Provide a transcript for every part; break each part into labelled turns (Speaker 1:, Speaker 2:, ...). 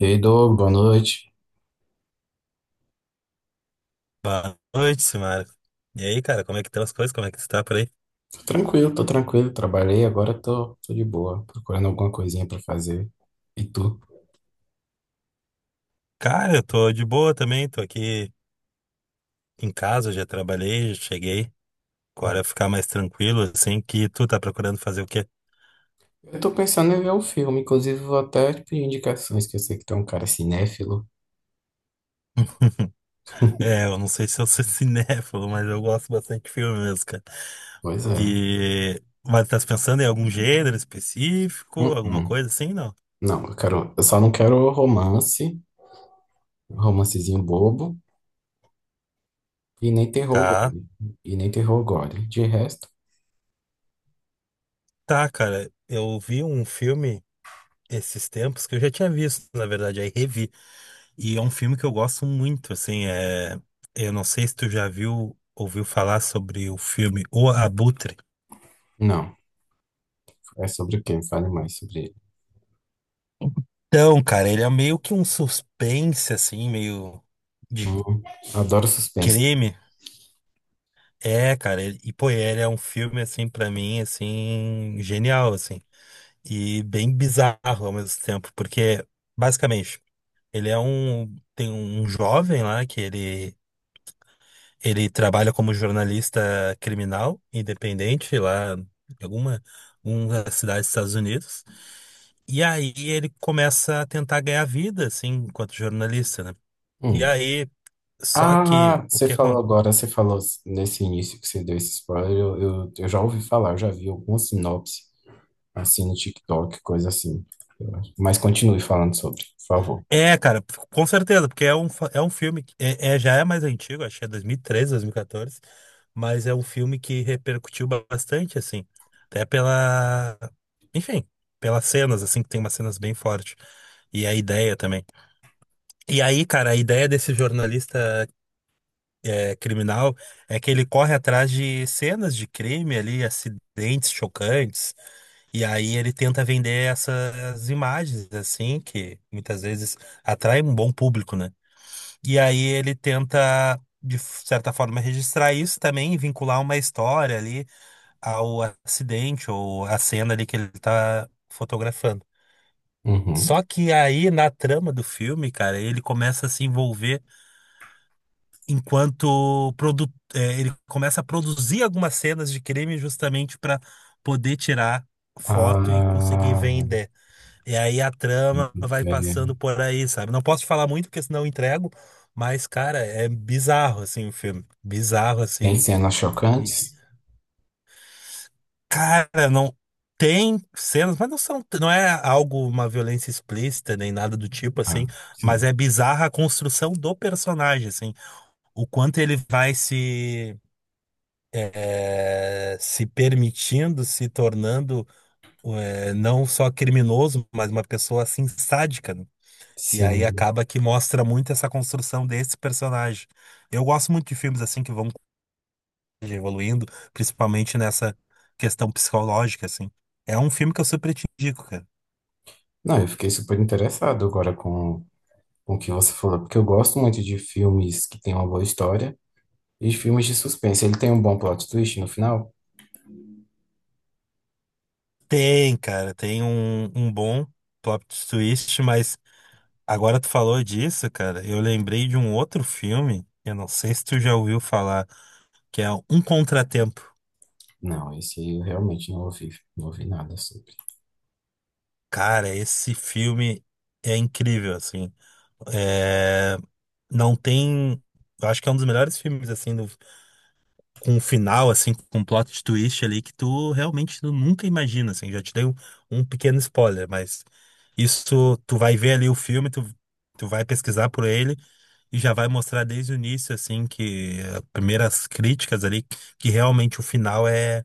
Speaker 1: E aí, Doug, boa noite.
Speaker 2: Boa noite, Simara. E aí, cara, como é que estão as coisas? Como é que você tá por aí?
Speaker 1: Tô tranquilo. Trabalhei, agora tô de boa, procurando alguma coisinha pra fazer. E tu?
Speaker 2: Cara, eu tô de boa também, tô aqui em casa, já trabalhei, já cheguei. Agora
Speaker 1: Hum.
Speaker 2: é ficar mais tranquilo, assim, que tu tá procurando fazer o quê?
Speaker 1: Eu tô pensando em ver um filme, inclusive vou até te pedir indicações, que eu sei que tu é um cara cinéfilo.
Speaker 2: É, eu não sei se eu sou cinéfilo, mas eu gosto bastante de filme mesmo, cara.
Speaker 1: Pois é.
Speaker 2: Mas tá se pensando em algum gênero específico,
Speaker 1: Hum,
Speaker 2: alguma
Speaker 1: hum.
Speaker 2: coisa assim, não?
Speaker 1: Não, eu quero, eu só não quero romance, romancezinho bobo, e nem terror
Speaker 2: Tá,
Speaker 1: gore. E nem terror gore. De resto,
Speaker 2: tá, cara. Eu vi um filme esses tempos que eu já tinha visto, na verdade, aí revi. E é um filme que eu gosto muito, assim, eu não sei se tu já viu, ouviu falar sobre o filme O Abutre.
Speaker 1: não. É sobre o quê? Me fale mais sobre ele.
Speaker 2: Então, cara, ele é meio que um suspense, assim, meio de
Speaker 1: Hum, adoro suspense.
Speaker 2: crime. É, cara, pô, ele é um filme, assim, pra mim, assim, genial, assim. E bem bizarro ao mesmo tempo, porque, basicamente, tem um jovem lá que ele ele trabalha como jornalista criminal independente lá em alguma uma cidade dos Estados Unidos. E aí ele começa a tentar ganhar vida, assim, enquanto jornalista, né? E
Speaker 1: Hum.
Speaker 2: aí, só que
Speaker 1: Ah,
Speaker 2: o
Speaker 1: você
Speaker 2: que
Speaker 1: falou
Speaker 2: acontece.
Speaker 1: agora, você falou nesse início que você deu esse spoiler, eu já ouvi falar, eu já vi alguma sinopse, assim, no TikTok, coisa assim. Eu acho. Mas continue falando sobre, por favor.
Speaker 2: É, cara, com certeza, porque é um filme que já é mais antigo, acho que é 2013, 2014, mas é um filme que repercutiu bastante, assim, até pela, enfim, pelas cenas, assim, que tem umas cenas bem fortes, e a ideia também. E aí, cara, a ideia desse jornalista criminal é que ele corre atrás de cenas de crime ali, acidentes chocantes, e aí ele tenta vender essas imagens, assim, que muitas vezes atraem um bom público, né? E aí ele tenta, de certa forma, registrar isso também, e vincular uma história ali ao acidente ou à cena ali que ele tá fotografando.
Speaker 1: Uhum.
Speaker 2: Só que aí, na trama do filme, cara, ele começa a se envolver ele começa a produzir algumas cenas de crime justamente para poder tirar foto e conseguir
Speaker 1: Ah,
Speaker 2: vender. E aí a trama vai passando
Speaker 1: velho.
Speaker 2: por aí, sabe? Não posso te falar muito porque senão eu entrego, mas cara, é bizarro assim o filme, bizarro
Speaker 1: Tem
Speaker 2: assim.
Speaker 1: cenas
Speaker 2: E
Speaker 1: chocantes?
Speaker 2: cara, não tem cenas, mas não é algo uma violência explícita nem nada do tipo
Speaker 1: Ah,
Speaker 2: assim, mas
Speaker 1: sim.
Speaker 2: é bizarra a construção do personagem assim, o quanto ele vai se permitindo, se tornando não só criminoso, mas uma pessoa assim sádica, né? E aí
Speaker 1: Sim.
Speaker 2: acaba que mostra muito essa construção desse personagem. Eu gosto muito de filmes assim que vão evoluindo, principalmente nessa questão psicológica, assim. É um filme que eu super te indico, cara.
Speaker 1: Não, eu fiquei super interessado agora com o que você falou, porque eu gosto muito de filmes que têm uma boa história e de filmes de suspense. Ele tem um bom plot twist no final?
Speaker 2: Tem, cara, tem um bom plot twist, mas agora tu falou disso, cara, eu lembrei de um outro filme, eu não sei se tu já ouviu falar, que é Um Contratempo.
Speaker 1: Não, esse aí eu realmente não ouvi, não ouvi nada sobre.
Speaker 2: Cara, esse filme é incrível, assim. É, não tem. Eu acho que é um dos melhores filmes, assim, do- com o final, assim, com um plot twist ali que tu realmente tu nunca imagina, assim. Já te dei um pequeno spoiler, mas isso tu vai ver ali o filme, tu vai pesquisar por ele. E já vai mostrar desde o início, assim, que as primeiras críticas ali, que realmente o final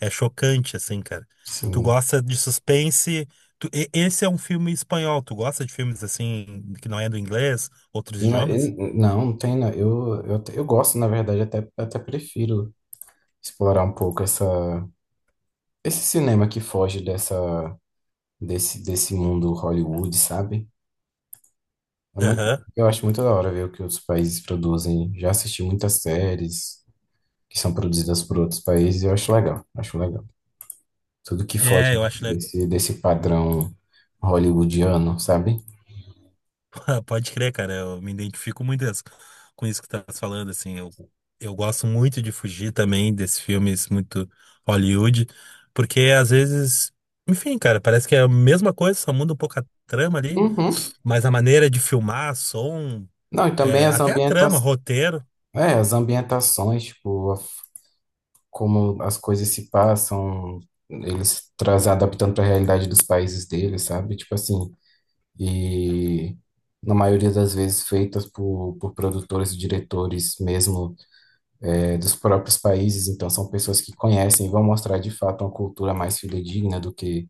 Speaker 2: é chocante, assim, cara. Tu
Speaker 1: Sim.
Speaker 2: gosta de suspense. Esse é um filme espanhol. Tu gosta de filmes, assim, que não é do inglês, outros
Speaker 1: Não,
Speaker 2: idiomas?
Speaker 1: não, não tem. Não. Eu gosto, na verdade, até prefiro explorar um pouco essa, esse cinema que foge dessa, desse mundo Hollywood, sabe? É muito,
Speaker 2: Aham.
Speaker 1: eu acho muito da hora ver o que outros países produzem. Já assisti muitas séries que são produzidas por outros países e eu acho legal, acho legal. Tudo que foge
Speaker 2: É, eu acho.
Speaker 1: desse padrão hollywoodiano, sabe?
Speaker 2: Pode crer, cara, eu me identifico muito as- com isso que tu estás falando, assim, eu gosto muito de fugir também desses filmes muito Hollywood, porque às vezes, enfim, cara, parece que é a mesma coisa, só muda um pouco a trama ali,
Speaker 1: Uhum.
Speaker 2: mas a maneira de filmar, som,
Speaker 1: Não, e também
Speaker 2: é,
Speaker 1: as
Speaker 2: até a
Speaker 1: ambienta
Speaker 2: trama, roteiro.
Speaker 1: é, as ambientações, tipo, como as coisas se passam, eles trazem adaptando para a realidade dos países deles, sabe? Tipo assim, e na maioria das vezes feitas por produtores e diretores mesmo é, dos próprios países, então são pessoas que conhecem e vão mostrar de fato uma cultura mais fidedigna do que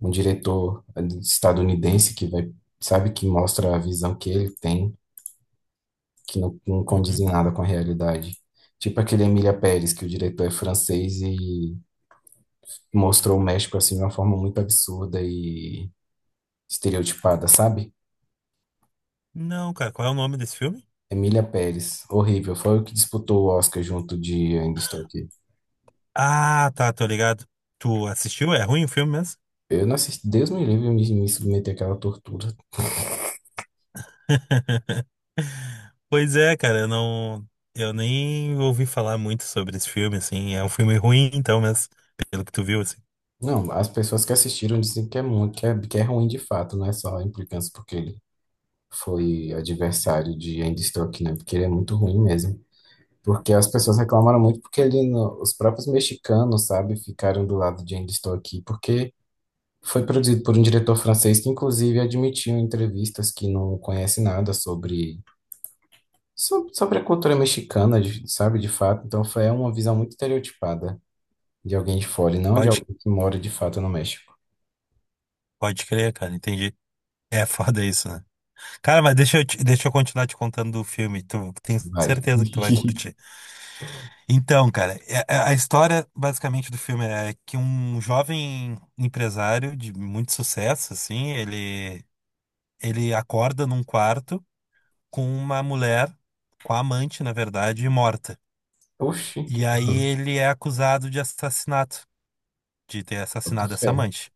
Speaker 1: um diretor é, estadunidense que vai, sabe, que mostra a visão que ele tem. Que não, não condiz
Speaker 2: Uhum.
Speaker 1: em nada com a realidade. Tipo aquele Emília Pérez, que o diretor é francês e mostrou o México assim de uma forma muito absurda e estereotipada, sabe?
Speaker 2: Não, cara, qual é o nome desse filme?
Speaker 1: Emília Pérez, horrível. Foi o que disputou o Oscar junto de Ainda Estou Aqui.
Speaker 2: Ah, tá, tô ligado. Tu assistiu? É ruim o filme mesmo?
Speaker 1: Eu não assisti, Deus me livre me submeter àquela tortura.
Speaker 2: Pois é, cara, eu não. Eu nem ouvi falar muito sobre esse filme, assim. É um filme ruim, então, mas pelo que tu viu, assim.
Speaker 1: Não, as pessoas que assistiram dizem que é muito, que é ruim de fato, não é só a implicância porque ele foi adversário de Ainda Estou Aqui, né? Porque ele é muito ruim mesmo. Porque as pessoas reclamaram muito porque ele, no- os próprios mexicanos, sabe, ficaram do lado de Ainda Estou Aqui, porque foi produzido por um diretor francês que, inclusive, admitiu em entrevistas que não conhece nada sobre, sobre a cultura mexicana, sabe, de fato. Então, foi é uma visão muito estereotipada de alguém de fora, e não de
Speaker 2: Pode,
Speaker 1: alguém que mora de fato no México.
Speaker 2: Pode crer, cara, entendi. É foda isso, né? Cara, mas deixa eu continuar te contando do filme. Tu tenho
Speaker 1: Vai.
Speaker 2: certeza que tu vai curtir. Então, cara, a história basicamente do filme é que um jovem empresário de muito sucesso, assim, ele acorda num quarto com uma mulher, com a amante, na verdade, morta.
Speaker 1: Oxi.
Speaker 2: E aí ele é acusado de assassinato, de ter assassinado essa
Speaker 1: É.
Speaker 2: amante.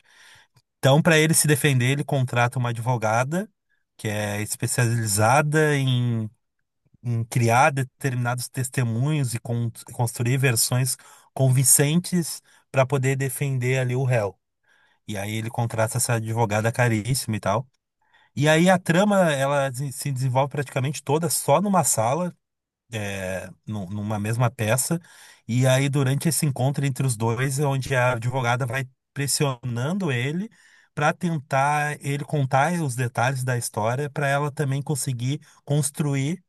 Speaker 2: Então, para ele se defender, ele contrata uma advogada que é especializada em criar determinados testemunhos e construir versões convincentes para poder defender ali o réu. E aí ele contrata essa advogada caríssima e tal. E aí a trama, ela se desenvolve praticamente toda só numa numa mesma peça. E aí, durante esse encontro entre os dois, é onde a advogada vai pressionando ele para tentar ele contar os detalhes da história, para ela também conseguir construir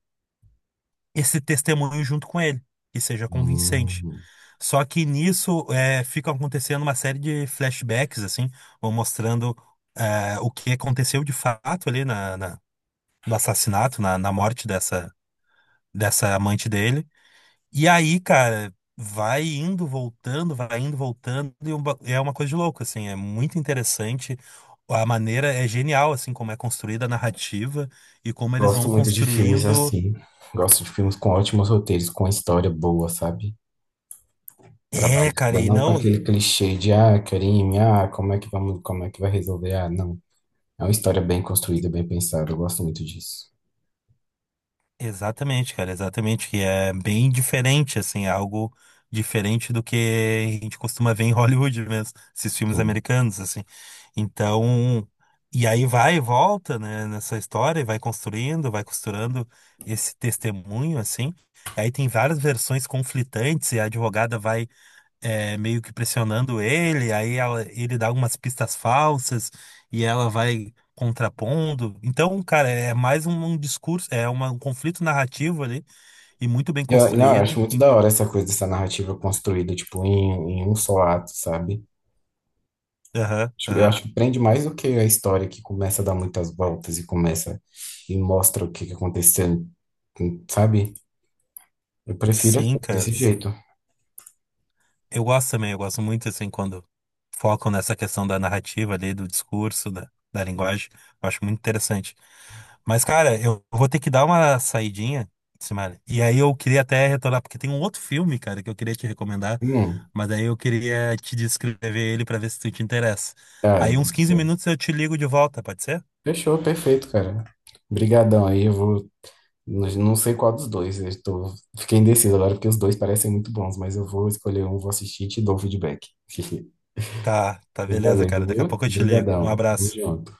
Speaker 2: esse testemunho junto com ele, que seja convincente.
Speaker 1: Hum,
Speaker 2: Só que nisso fica acontecendo uma série de flashbacks, assim, vão mostrando o que aconteceu de fato ali no assassinato, na morte dessa amante dele. E aí, cara, vai indo, voltando, é uma coisa de louco, assim, é muito interessante. A maneira é genial, assim, como é construída a narrativa e como eles
Speaker 1: gosto
Speaker 2: vão
Speaker 1: muito de filmes
Speaker 2: construindo.
Speaker 1: assim. Gosto de filmes com ótimos roteiros, com história boa, sabe?
Speaker 2: É, cara,
Speaker 1: Trabalhada,
Speaker 2: e
Speaker 1: não com
Speaker 2: não.
Speaker 1: aquele clichê de ah, crime, ah, como é que vamos, como é que vai resolver? Ah, não. É uma história bem construída, bem pensada. Eu gosto muito disso.
Speaker 2: Exatamente, cara, exatamente, que é bem diferente, assim, é algo diferente do que a gente costuma ver em Hollywood mesmo, esses filmes
Speaker 1: Sim.
Speaker 2: americanos, assim. Então, e aí vai e volta, né, nessa história, e vai construindo, vai costurando esse testemunho, assim. Aí tem várias versões conflitantes, e a advogada vai meio que pressionando ele, ele dá algumas pistas falsas e ela vai contrapondo. Então, cara, é mais um discurso, é um conflito narrativo ali e muito bem
Speaker 1: Não, eu acho
Speaker 2: construído.
Speaker 1: muito
Speaker 2: Em-
Speaker 1: da hora essa coisa, essa narrativa construída, tipo, em um só ato, sabe?
Speaker 2: Aham,
Speaker 1: Tipo, eu
Speaker 2: aham.
Speaker 1: acho que prende mais do que a história que começa a dar muitas voltas e começa e mostra o que que aconteceu, sabe? Eu prefiro assim,
Speaker 2: Sim, cara.
Speaker 1: desse jeito.
Speaker 2: Eu gosto também, eu gosto muito assim quando focam nessa questão da narrativa ali, do discurso, da linguagem. Eu acho muito interessante. Mas, cara, eu vou ter que dar uma saidinha, Simara. E aí eu queria até retornar, porque tem um outro filme, cara, que eu queria te recomendar,
Speaker 1: Hum.
Speaker 2: mas aí eu queria te descrever ele pra ver se tu te interessa.
Speaker 1: Ah, é
Speaker 2: Aí uns
Speaker 1: bom.
Speaker 2: 15 minutos eu te ligo de volta, pode ser?
Speaker 1: Fechou, perfeito, cara. Obrigadão aí, eu vou. Não, não sei qual dos dois. Eu tô... Fiquei indeciso agora porque os dois parecem muito bons, mas eu vou escolher um, vou assistir e te dou o feedback.
Speaker 2: Tá beleza,
Speaker 1: Valeu,
Speaker 2: cara. Daqui a
Speaker 1: viu?
Speaker 2: pouco eu te ligo. Um
Speaker 1: Obrigadão. Tamo
Speaker 2: abraço.
Speaker 1: junto.